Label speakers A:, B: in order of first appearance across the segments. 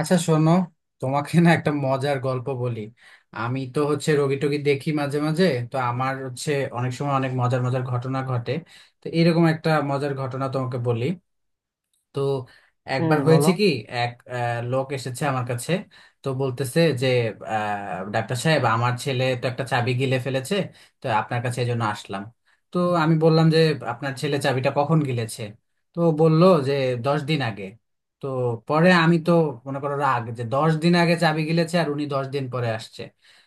A: আচ্ছা, শোনো। তোমাকে না একটা মজার গল্প বলি। আমি তো হচ্ছে রোগী টোগী দেখি মাঝে মাঝে। তো আমার হচ্ছে অনেক সময় অনেক মজার মজার ঘটনা ঘটে। তো এরকম একটা মজার ঘটনা তোমাকে বলি। তো
B: হুম,
A: একবার
B: বলো।
A: হয়েছে কি, এক লোক এসেছে আমার কাছে। তো বলতেছে যে ডাক্তার সাহেব, আমার ছেলে তো একটা চাবি গিলে ফেলেছে, তো আপনার কাছে এই জন্য আসলাম। তো আমি বললাম যে আপনার ছেলে চাবিটা কখন গিলেছে। তো বলল যে 10 দিন আগে। তো পরে আমি তো মনে করো রাগ, যে 10 দিন আগে চাবি গিলেছে আর উনি 10 দিন পরে আসছে।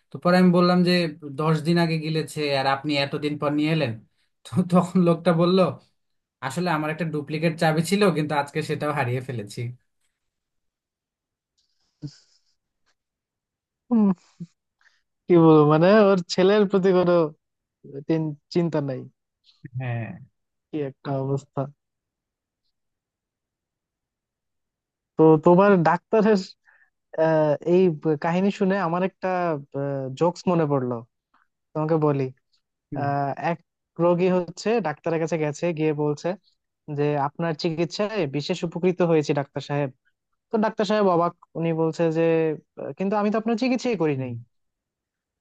A: তো পরে আমি বললাম যে 10 দিন আগে গিলেছে আর আপনি এতদিন পর নিয়ে এলেন। তো তখন লোকটা বলল, আসলে আমার একটা ডুপ্লিকেট চাবি ছিল কিন্তু আজকে সেটাও হারিয়ে ফেলেছি।
B: হুম, কি বলবো, মানে ওর ছেলের প্রতি কোনো চিন্তা নাই।
A: হ্যাঁ।
B: কি একটা অবস্থা। তো তোমার ডাক্তারের এই কাহিনী শুনে আমার একটা জোকস মনে পড়লো, তোমাকে বলি।
A: হুম।
B: এক রোগী হচ্ছে ডাক্তারের কাছে গেছে, গিয়ে বলছে যে আপনার চিকিৎসায় বিশেষ উপকৃত হয়েছি ডাক্তার সাহেব। তো ডাক্তার সাহেব অবাক, উনি বলছে যে কিন্তু আমি তো আপনার চিকিৎসাই করি
A: হুম।
B: নাই।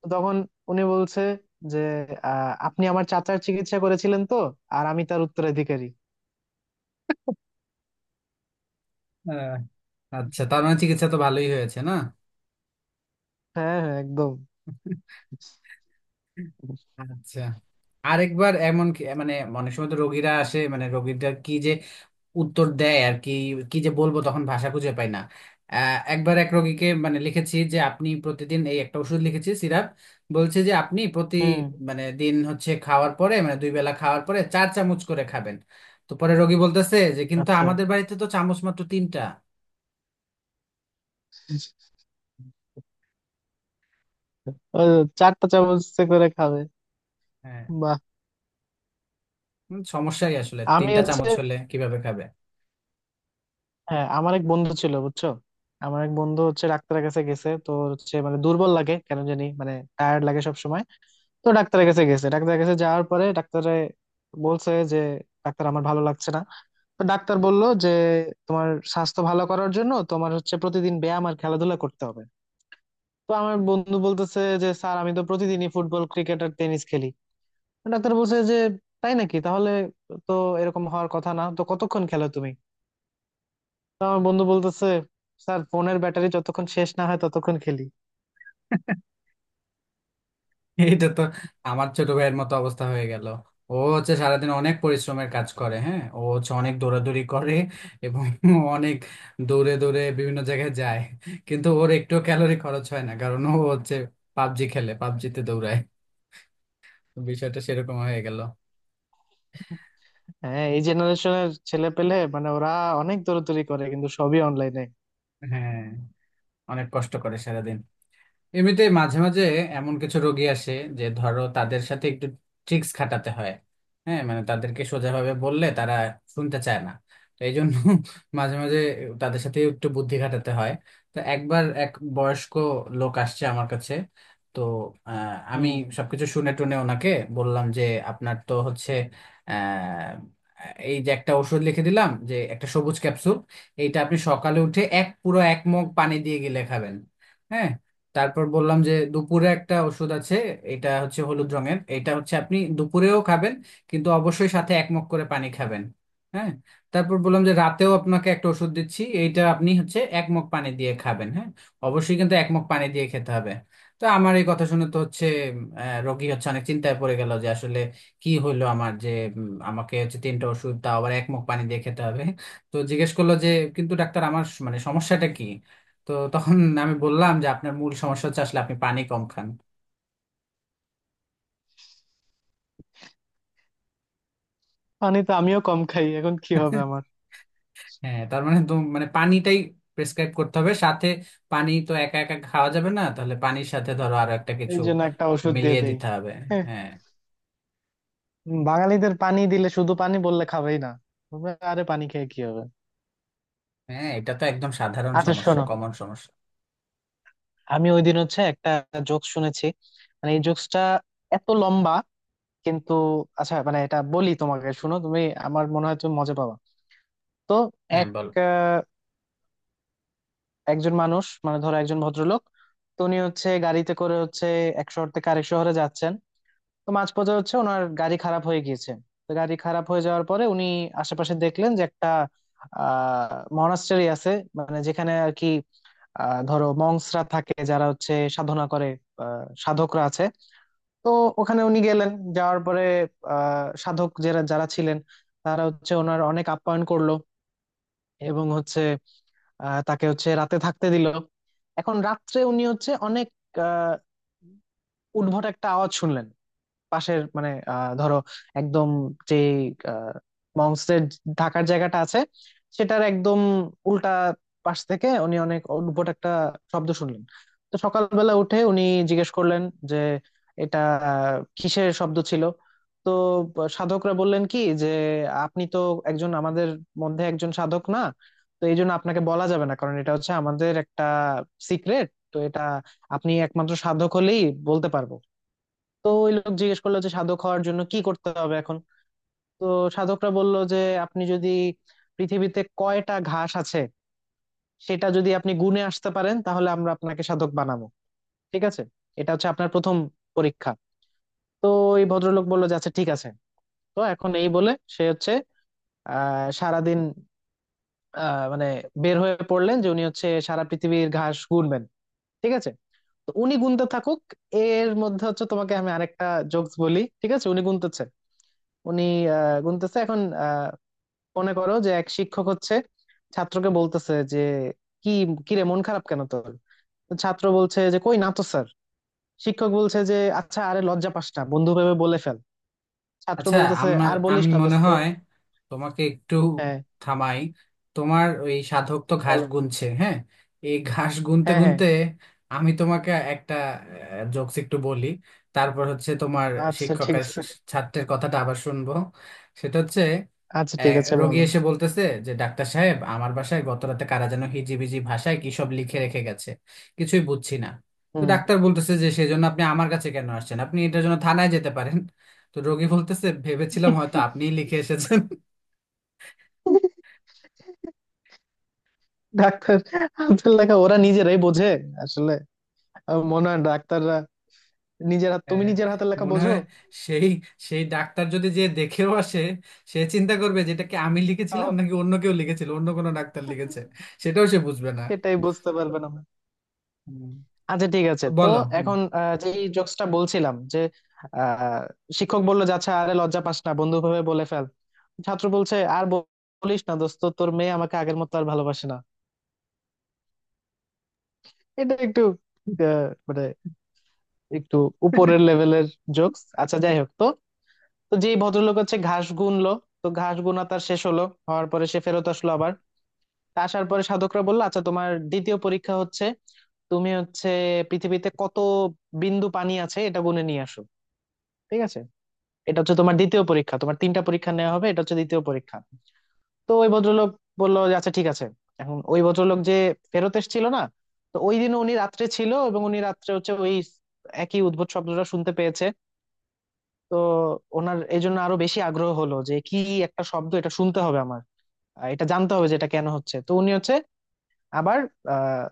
B: তো তখন উনি বলছে যে আপনি আমার চাচার চিকিৎসা করেছিলেন তো, আর আমি তার উত্তরাধিকারী।
A: আহ, আচ্ছা, তার মানে চিকিৎসা তো ভালোই হয়েছে না।
B: হ্যাঁ হ্যাঁ, একদম।
A: আচ্ছা, আরেকবার এমন মানে অনেক সময় তো রোগীরা আসে, মানে রোগীরা কি যে উত্তর দেয় আর কি, কি যে বলবো, তখন ভাষা খুঁজে পাই না। একবার এক রোগীকে মানে লিখেছি যে আপনি প্রতিদিন এই একটা ওষুধ লিখেছি সিরাপ। বলছে যে আপনি প্রতি
B: হুম।
A: মানে দিন হচ্ছে খাওয়ার পরে, মানে দুই বেলা খাওয়ার পরে চার চামচ করে খাবেন। তো পরে রোগী বলতেছে যে কিন্তু
B: আচ্ছা,
A: আমাদের বাড়িতে তো চামচ মাত্র তিনটা।
B: ওই চারটা চামচে করে খাবে।
A: হ্যাঁ।
B: বাহ।
A: সমস্যাই, আসলে
B: আমি
A: তিনটা
B: হচ্ছে,
A: চামচ হলে কিভাবে খাবে।
B: হ্যাঁ আমার এক বন্ধু ছিল বুঝছো। আমার এক বন্ধু হচ্ছে ডাক্তারের কাছে গেছে, তো হচ্ছে মানে দুর্বল লাগে কেন জানি, মানে টায়ার্ড লাগে সব সময়। তো ডাক্তারের কাছে গেছে, ডাক্তারের কাছে যাওয়ার পরে ডাক্তারে বলছে যে ডাক্তার আমার ভালো লাগছে না। তো ডাক্তার বলল যে তোমার স্বাস্থ্য ভালো করার জন্য তোমার হচ্ছে প্রতিদিন ব্যায়াম আর খেলাধুলা করতে হবে। তো আমার বন্ধু বলতেছে যে স্যার, আমি তো প্রতিদিনই ফুটবল, ক্রিকেট আর টেনিস খেলি। তো ডাক্তার বলছে যে তাই নাকি, তাহলে তো এরকম হওয়ার কথা না, তো কতক্ষণ খেলো তুমি। তো আমার বন্ধু বলতেছে, স্যার ফোনের ব্যাটারি যতক্ষণ শেষ না হয় ততক্ষণ খেলি।
A: এটা তো আমার ছোট ভাইয়ের মতো অবস্থা হয়ে গেল। ও হচ্ছে সারাদিন অনেক পরিশ্রমের কাজ করে। হ্যাঁ, ও হচ্ছে অনেক দৌড়াদৌড়ি করে এবং অনেক দৌড়ে দৌড়ে বিভিন্ন জায়গায় যায়। কিন্তু ওর একটু ক্যালোরি খরচ হয় না, কারণ ও হচ্ছে পাবজি খেলে, পাবজিতে দৌড়ায়। বিষয়টা সেরকম হয়ে গেল।
B: হ্যাঁ, এই জেনারেশনের ছেলে পেলে মানে ওরা অনেক দৌড়াদৌড়ি করে কিন্তু সবই অনলাইনে।
A: হ্যাঁ, অনেক কষ্ট করে সারাদিন। এমনিতে মাঝে মাঝে এমন কিছু রোগী আসে যে ধরো তাদের সাথে একটু ট্রিক্স খাটাতে হয়। হ্যাঁ, মানে তাদেরকে সোজাভাবে বললে তারা শুনতে চায় না। তো এই জন্য মাঝে মাঝে তাদের সাথে একটু বুদ্ধি খাটাতে হয়। তো একবার এক বয়স্ক লোক আসছে আমার কাছে। তো আমি
B: হুম।
A: সবকিছু শুনে টুনে ওনাকে বললাম যে আপনার তো হচ্ছে আহ এই যে একটা ওষুধ লিখে দিলাম, যে একটা সবুজ ক্যাপসুল, এইটা আপনি সকালে উঠে এক পুরো এক মগ পানি দিয়ে গিলে খাবেন। হ্যাঁ। তারপর বললাম যে দুপুরে একটা ওষুধ আছে, এটা হচ্ছে হলুদ রঙের, এটা হচ্ছে আপনি দুপুরেও খাবেন কিন্তু অবশ্যই সাথে এক মগ করে পানি খাবেন। হ্যাঁ। তারপর বললাম যে রাতেও আপনাকে একটা ওষুধ দিচ্ছি, এইটা আপনি হচ্ছে এক মগ পানি দিয়ে খাবেন। হ্যাঁ, অবশ্যই কিন্তু এক মগ পানি দিয়ে খেতে হবে। তো আমার এই কথা শুনে তো হচ্ছে রোগী হচ্ছে অনেক চিন্তায় পড়ে গেল, যে আসলে কি হইলো আমার, যে আমাকে হচ্ছে তিনটা ওষুধ, তাও আবার এক মগ পানি দিয়ে খেতে হবে। তো জিজ্ঞেস করলো যে কিন্তু ডাক্তার আমার মানে সমস্যাটা কি। তো তখন আমি বললাম যে আপনার মূল সমস্যা হচ্ছে, আসলে আপনি পানি কম খান।
B: পানি তো আমিও কম খাই, এখন কি হবে আমার।
A: হ্যাঁ, তার মানে তো মানে পানিটাই প্রেসক্রাইব করতে হবে সাথে। পানি তো একা একা খাওয়া যাবে না, তাহলে পানির সাথে ধরো আরো একটা
B: এই
A: কিছু
B: জন্য একটা ওষুধ দিয়ে
A: মিলিয়ে
B: দেই।
A: দিতে হবে।
B: হ্যাঁ।
A: হ্যাঁ।
B: বাঙালিদের পানি দিলে, শুধু পানি বললে খাবেই না, বলবে আরে পানি খেয়ে কি হবে।
A: হ্যাঁ, এটা তো একদম সাধারণ
B: আচ্ছা
A: সমস্যা,
B: শোনো,
A: কমন সমস্যা।
B: আমি ওই দিন হচ্ছে একটা জোক শুনেছি। মানে এই জোকসটা এত লম্বা, কিন্তু আচ্ছা মানে এটা বলি তোমাকে, শুনো তুমি, আমার মনে হয় তুমি মজা পাবা। তো
A: হ্যাঁ,
B: এক
A: বল।
B: আহ, একজন মানুষ, মানে ধরো একজন ভদ্রলোক। তো উনি হচ্ছে গাড়িতে করে হচ্ছে এক শহর থেকে আরেক শহরে যাচ্ছেন। তো মাঝপথে হচ্ছে ওনার গাড়ি খারাপ হয়ে গিয়েছে। তো গাড়ি খারাপ হয়ে যাওয়ার পরে উনি আশেপাশে দেখলেন যে একটা আহ মনাস্টারি আছে। মানে যেখানে আর কি, ধরো মংসরা থাকে যারা হচ্ছে সাধনা করে, সাধকরা আছে। তো ওখানে উনি গেলেন। যাওয়ার পরে সাধক যারা যারা ছিলেন তারা হচ্ছে ওনার অনেক আপ্যায়ন করলো, এবং হচ্ছে তাকে হচ্ছে রাতে থাকতে দিল। এখন রাত্রে উনি হচ্ছে অনেক আহ উদ্ভট একটা আওয়াজ শুনলেন। পাশের মানে ধরো একদম, যে মংসের ঢাকার জায়গাটা আছে, সেটার একদম উল্টা পাশ থেকে উনি অনেক অদ্ভুত একটা শব্দ শুনলেন। তো সকালবেলা উঠে উনি জিজ্ঞেস করলেন যে এটা কিসের শব্দ ছিল। তো সাধকরা বললেন কি যে, আপনি তো একজন আমাদের মধ্যে একজন সাধক না, তো এই জন্য আপনাকে বলা যাবে না, কারণ এটা হচ্ছে আমাদের একটা সিক্রেট। তো এটা আপনি একমাত্র সাধক হলেই বলতে পারবো। তো ওই লোক জিজ্ঞেস করলো যে সাধক হওয়ার জন্য কি করতে হবে এখন। তো সাধকরা বলল যে আপনি যদি পৃথিবীতে কয়টা ঘাস আছে সেটা যদি আপনি গুণে আসতে পারেন, তাহলে আমরা আপনাকে সাধক বানাবো। ঠিক আছে, এটা হচ্ছে আপনার প্রথম পরীক্ষা। তো এই ভদ্রলোক বললো যে আচ্ছা ঠিক আছে। তো এখন এই বলে সে হচ্ছে সারাদিন, মানে বের হয়ে পড়লেন যে উনি হচ্ছে সারা পৃথিবীর ঘাস গুনবেন। ঠিক আছে, তো উনি গুনতে থাকুক, এর মধ্যে হচ্ছে তোমাকে আমি আরেকটা জোকস বলি। ঠিক আছে, উনি গুনতেছে, উনি গুনতেছে এখন। আহ, মনে করো যে এক শিক্ষক হচ্ছে ছাত্রকে বলতেছে যে কি, কি রে মন খারাপ কেন তোর। তো ছাত্র বলছে যে কই না তো স্যার। শিক্ষক বলছে যে আচ্ছা আরে লজ্জা পাস না বন্ধু ভেবে বলে ফেল। ছাত্র
A: আচ্ছা,
B: বলতেছে
A: আমার
B: আর বলিস
A: আমি
B: না
A: মনে
B: দোস্ত।
A: হয় তোমাকে একটু
B: হ্যাঁ
A: থামাই। তোমার ওই সাধক তো ঘাস
B: বলো।
A: গুনছে। হ্যাঁ, এই ঘাস গুনতে
B: হ্যাঁ হ্যাঁ।
A: গুনতে আমি তোমাকে একটা জোকস একটু বলি। তারপর হচ্ছে তোমার
B: আচ্ছা
A: শিক্ষক
B: ঠিক
A: আর
B: আছে।
A: ছাত্রের কথাটা আবার শুনবো। সেটা হচ্ছে,
B: আচ্ছা ঠিক আছে
A: রোগী
B: বলো।
A: এসে বলতেছে যে ডাক্তার সাহেব, আমার বাসায় গত রাতে কারা যেন হিজিবিজি ভাষায় কি সব লিখে রেখে গেছে, কিছুই বুঝছি না। তো
B: হুম।
A: ডাক্তার বলতেছে যে সেজন্য আপনি আমার কাছে কেন আসছেন, আপনি এটার জন্য থানায় যেতে পারেন। তো রোগী বলতেছে, ভেবেছিলাম হয়তো আপনিই লিখে এসেছেন।
B: ডাক্তার, হাতের লেখা ওরা নিজেরাই বোঝে আসলে। আমার মনে হয় ডাক্তাররা নিজের হাত, তুমি
A: হ্যাঁ,
B: নিজের হাতের লেখা
A: মনে
B: বোঝো।
A: হয় সেই সেই ডাক্তার যদি যে দেখেও আসে, সে চিন্তা করবে যে এটা কি আমি লিখেছিলাম
B: তাও,
A: নাকি অন্য কেউ লিখেছিল, অন্য কোনো ডাক্তার লিখেছে, সেটাও সে বুঝবে না।
B: এটাই বুঝতে পারবে না।
A: হুম।
B: আচ্ছা ঠিক
A: তো
B: আছে, তো
A: বলো। হুম।
B: এখন যে জোকসটা বলছিলাম, যে আহ, শিক্ষক বললো যে আচ্ছা আরে লজ্জা পাস না বন্ধু ভাবে বলে ফেল। ছাত্র বলছে আর বলিস না দোস্ত, তোর মেয়ে আমাকে আগের মতো আর ভালোবাসে না। এটা একটু আহ, মানে একটু উপরের লেভেলের জোকস। আচ্ছা যাই হোক, তো তো যেই ভদ্রলোক হচ্ছে ঘাস গুনলো, তো ঘাস গুনা তার শেষ হলো। হওয়ার পরে সে ফেরত আসলো আবার। তা আসার পরে সাধকরা বললো আচ্ছা তোমার দ্বিতীয় পরীক্ষা হচ্ছে, তুমি হচ্ছে পৃথিবীতে কত বিন্দু পানি আছে এটা গুনে নিয়ে আসো। ঠিক আছে, এটা হচ্ছে তোমার দ্বিতীয় পরীক্ষা, তোমার তিনটা পরীক্ষা নেওয়া হবে, এটা হচ্ছে দ্বিতীয় পরীক্ষা। তো ওই ভদ্রলোক বললো যে আচ্ছা ঠিক আছে। এখন ওই ভদ্রলোক যে ফেরত এসেছিল না, তো ওই দিন উনি রাত্রে ছিল এবং উনি রাত্রে হচ্ছে ওই একই উদ্ভট শব্দটা শুনতে পেয়েছে। তো ওনার এই জন্য আরো বেশি আগ্রহ হলো যে কি একটা শব্দ এটা, শুনতে হবে আমার, এটা জানতে হবে যে এটা কেন হচ্ছে। তো উনি হচ্ছে আবার আহ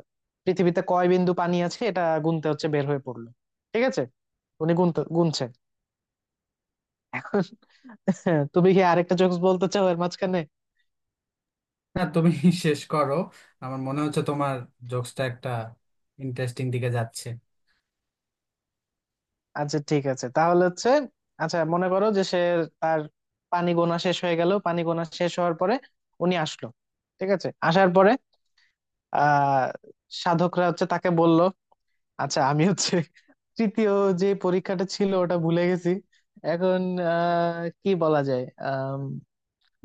B: পৃথিবীতে কয় বিন্দু পানি আছে এটা গুনতে হচ্ছে বের হয়ে পড়লো। ঠিক আছে, উনি গুনতে গুনছে এখন। তুমি কি আরেকটা জোকস বলতে চাও এর মাঝখানে।
A: না, তুমি শেষ করো। আমার মনে হচ্ছে তোমার জোকসটা একটা ইন্টারেস্টিং দিকে যাচ্ছে।
B: আচ্ছা ঠিক আছে তাহলে হচ্ছে, আচ্ছা মনে করো যে সে তার পানি গোনা শেষ হয়ে গেল, পানি গোনা শেষ হওয়ার পরে উনি আসলো। ঠিক আছে, আসার পরে আহ সাধকরা হচ্ছে তাকে বলল, আচ্ছা আমি হচ্ছে তৃতীয় যে পরীক্ষাটা ছিল ওটা ভুলে গেছি। এখন কি বলা যায়,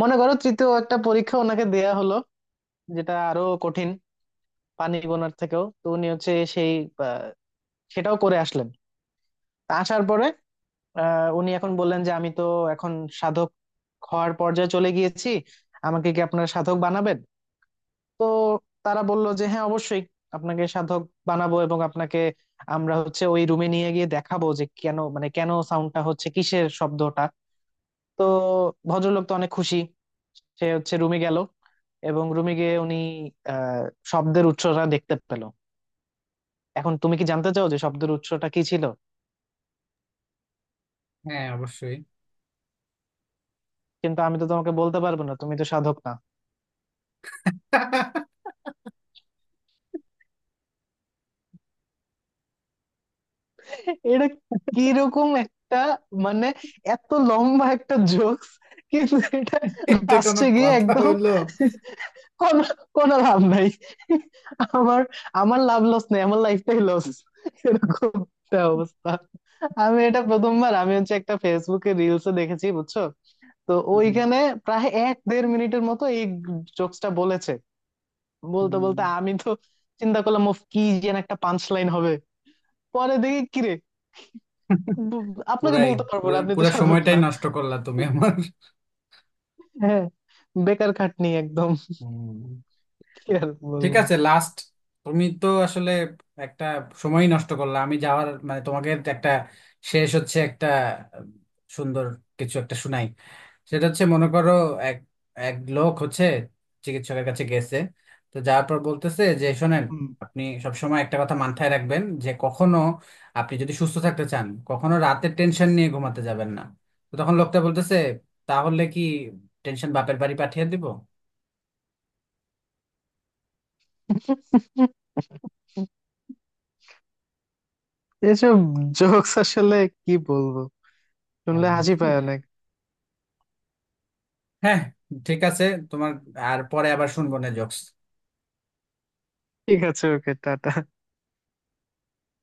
B: মনে করো তৃতীয় একটা পরীক্ষা ওনাকে দেয়া হলো যেটা আরো কঠিন পানি গোনার থেকেও। তো উনি হচ্ছে সেই আহ, সেটাও করে আসলেন। তা আসার পরে উনি এখন বললেন যে আমি তো এখন সাধক হওয়ার পর্যায়ে চলে গিয়েছি, আমাকে কি আপনারা সাধক বানাবেন। তো তারা বলল যে হ্যাঁ অবশ্যই, আপনাকে সাধক বানাবো, এবং আপনাকে আমরা হচ্ছে ওই রুমে নিয়ে গিয়ে দেখাবো যে কেন মানে কেন সাউন্ডটা হচ্ছে কিসের শব্দটা। তো ভদ্রলোক তো অনেক খুশি, সে হচ্ছে রুমে গেল। এবং রুমে গিয়ে উনি আহ শব্দের উৎসটা দেখতে পেল। এখন তুমি কি জানতে চাও যে শব্দের উৎসটা কি ছিল।
A: হ্যাঁ, অবশ্যই।
B: কিন্তু আমি তো তোমাকে বলতে পারবো না, তুমি তো সাধক না। এটা কিরকম একটা, মানে এত লম্বা একটা জোকস, কিন্তু এটা
A: এটা কোনো
B: লাস্টে গিয়ে
A: কথা
B: একদম
A: হইলো।
B: কোনো কোনো লাভ নাই। আমার, আমার লাভ লস নেই, আমার লাইফটাই লস। এরকম একটা অবস্থা। আমি এটা প্রথমবার আমি হচ্ছে একটা ফেসবুকে রিলসে দেখেছি বুঝছো। তো
A: হুম।
B: ওইখানে প্রায় এক দেড় মিনিটের মতো এই জোকসটা বলেছে, বলতে বলতে
A: হুম।
B: আমি তো চিন্তা করলাম, "উফ, কি যেন একটা পাঞ্চ লাইন হবে।" পরে দেখি কিরে, আপনাকে
A: পুরাই
B: বলতে পারবো
A: পুরা
B: না, আপনি তো
A: পুরা
B: সাধক
A: সময়টাই
B: না।
A: নষ্ট করলা তুমি আমার।
B: হ্যাঁ, বেকার খাটনি একদম।
A: হুম।
B: কি আর
A: ঠিক
B: বলবো।
A: আছে, লাস্ট, তুমি তো আসলে একটা সময় নষ্ট করলা। আমি যাওয়ার মানে তোমাকে একটা শেষ হচ্ছে একটা আহ, সুন্দর কিছু একটা শুনাই। সেটা হচ্ছে, মনে করো, এক এক লোক হচ্ছে চিকিৎসকের কাছে গেছে। তো যাওয়ার পর বলতেছে যে শোনেন,
B: হুম।
A: আপনি সবসময় একটা কথা মাথায় রাখবেন যে কখনো, আপনি যদি সুস্থ থাকতে চান, কখনো রাতের টেনশন নিয়ে ঘুমাতে যাবেন না। তো তখন লোকটা বলতেছে, তাহলে কি টেনশন বাপের বাড়ি পাঠিয়ে দিব।
B: এসব জোকস আসলে কি বলবো, শুনলে হাসি
A: হ্যাঁ।
B: পায় অনেক।
A: হ্যাঁ, ঠিক আছে, তোমার আর পরে আবার শুনবো না জোকস।
B: ঠিক আছে, ওকে, টাটা।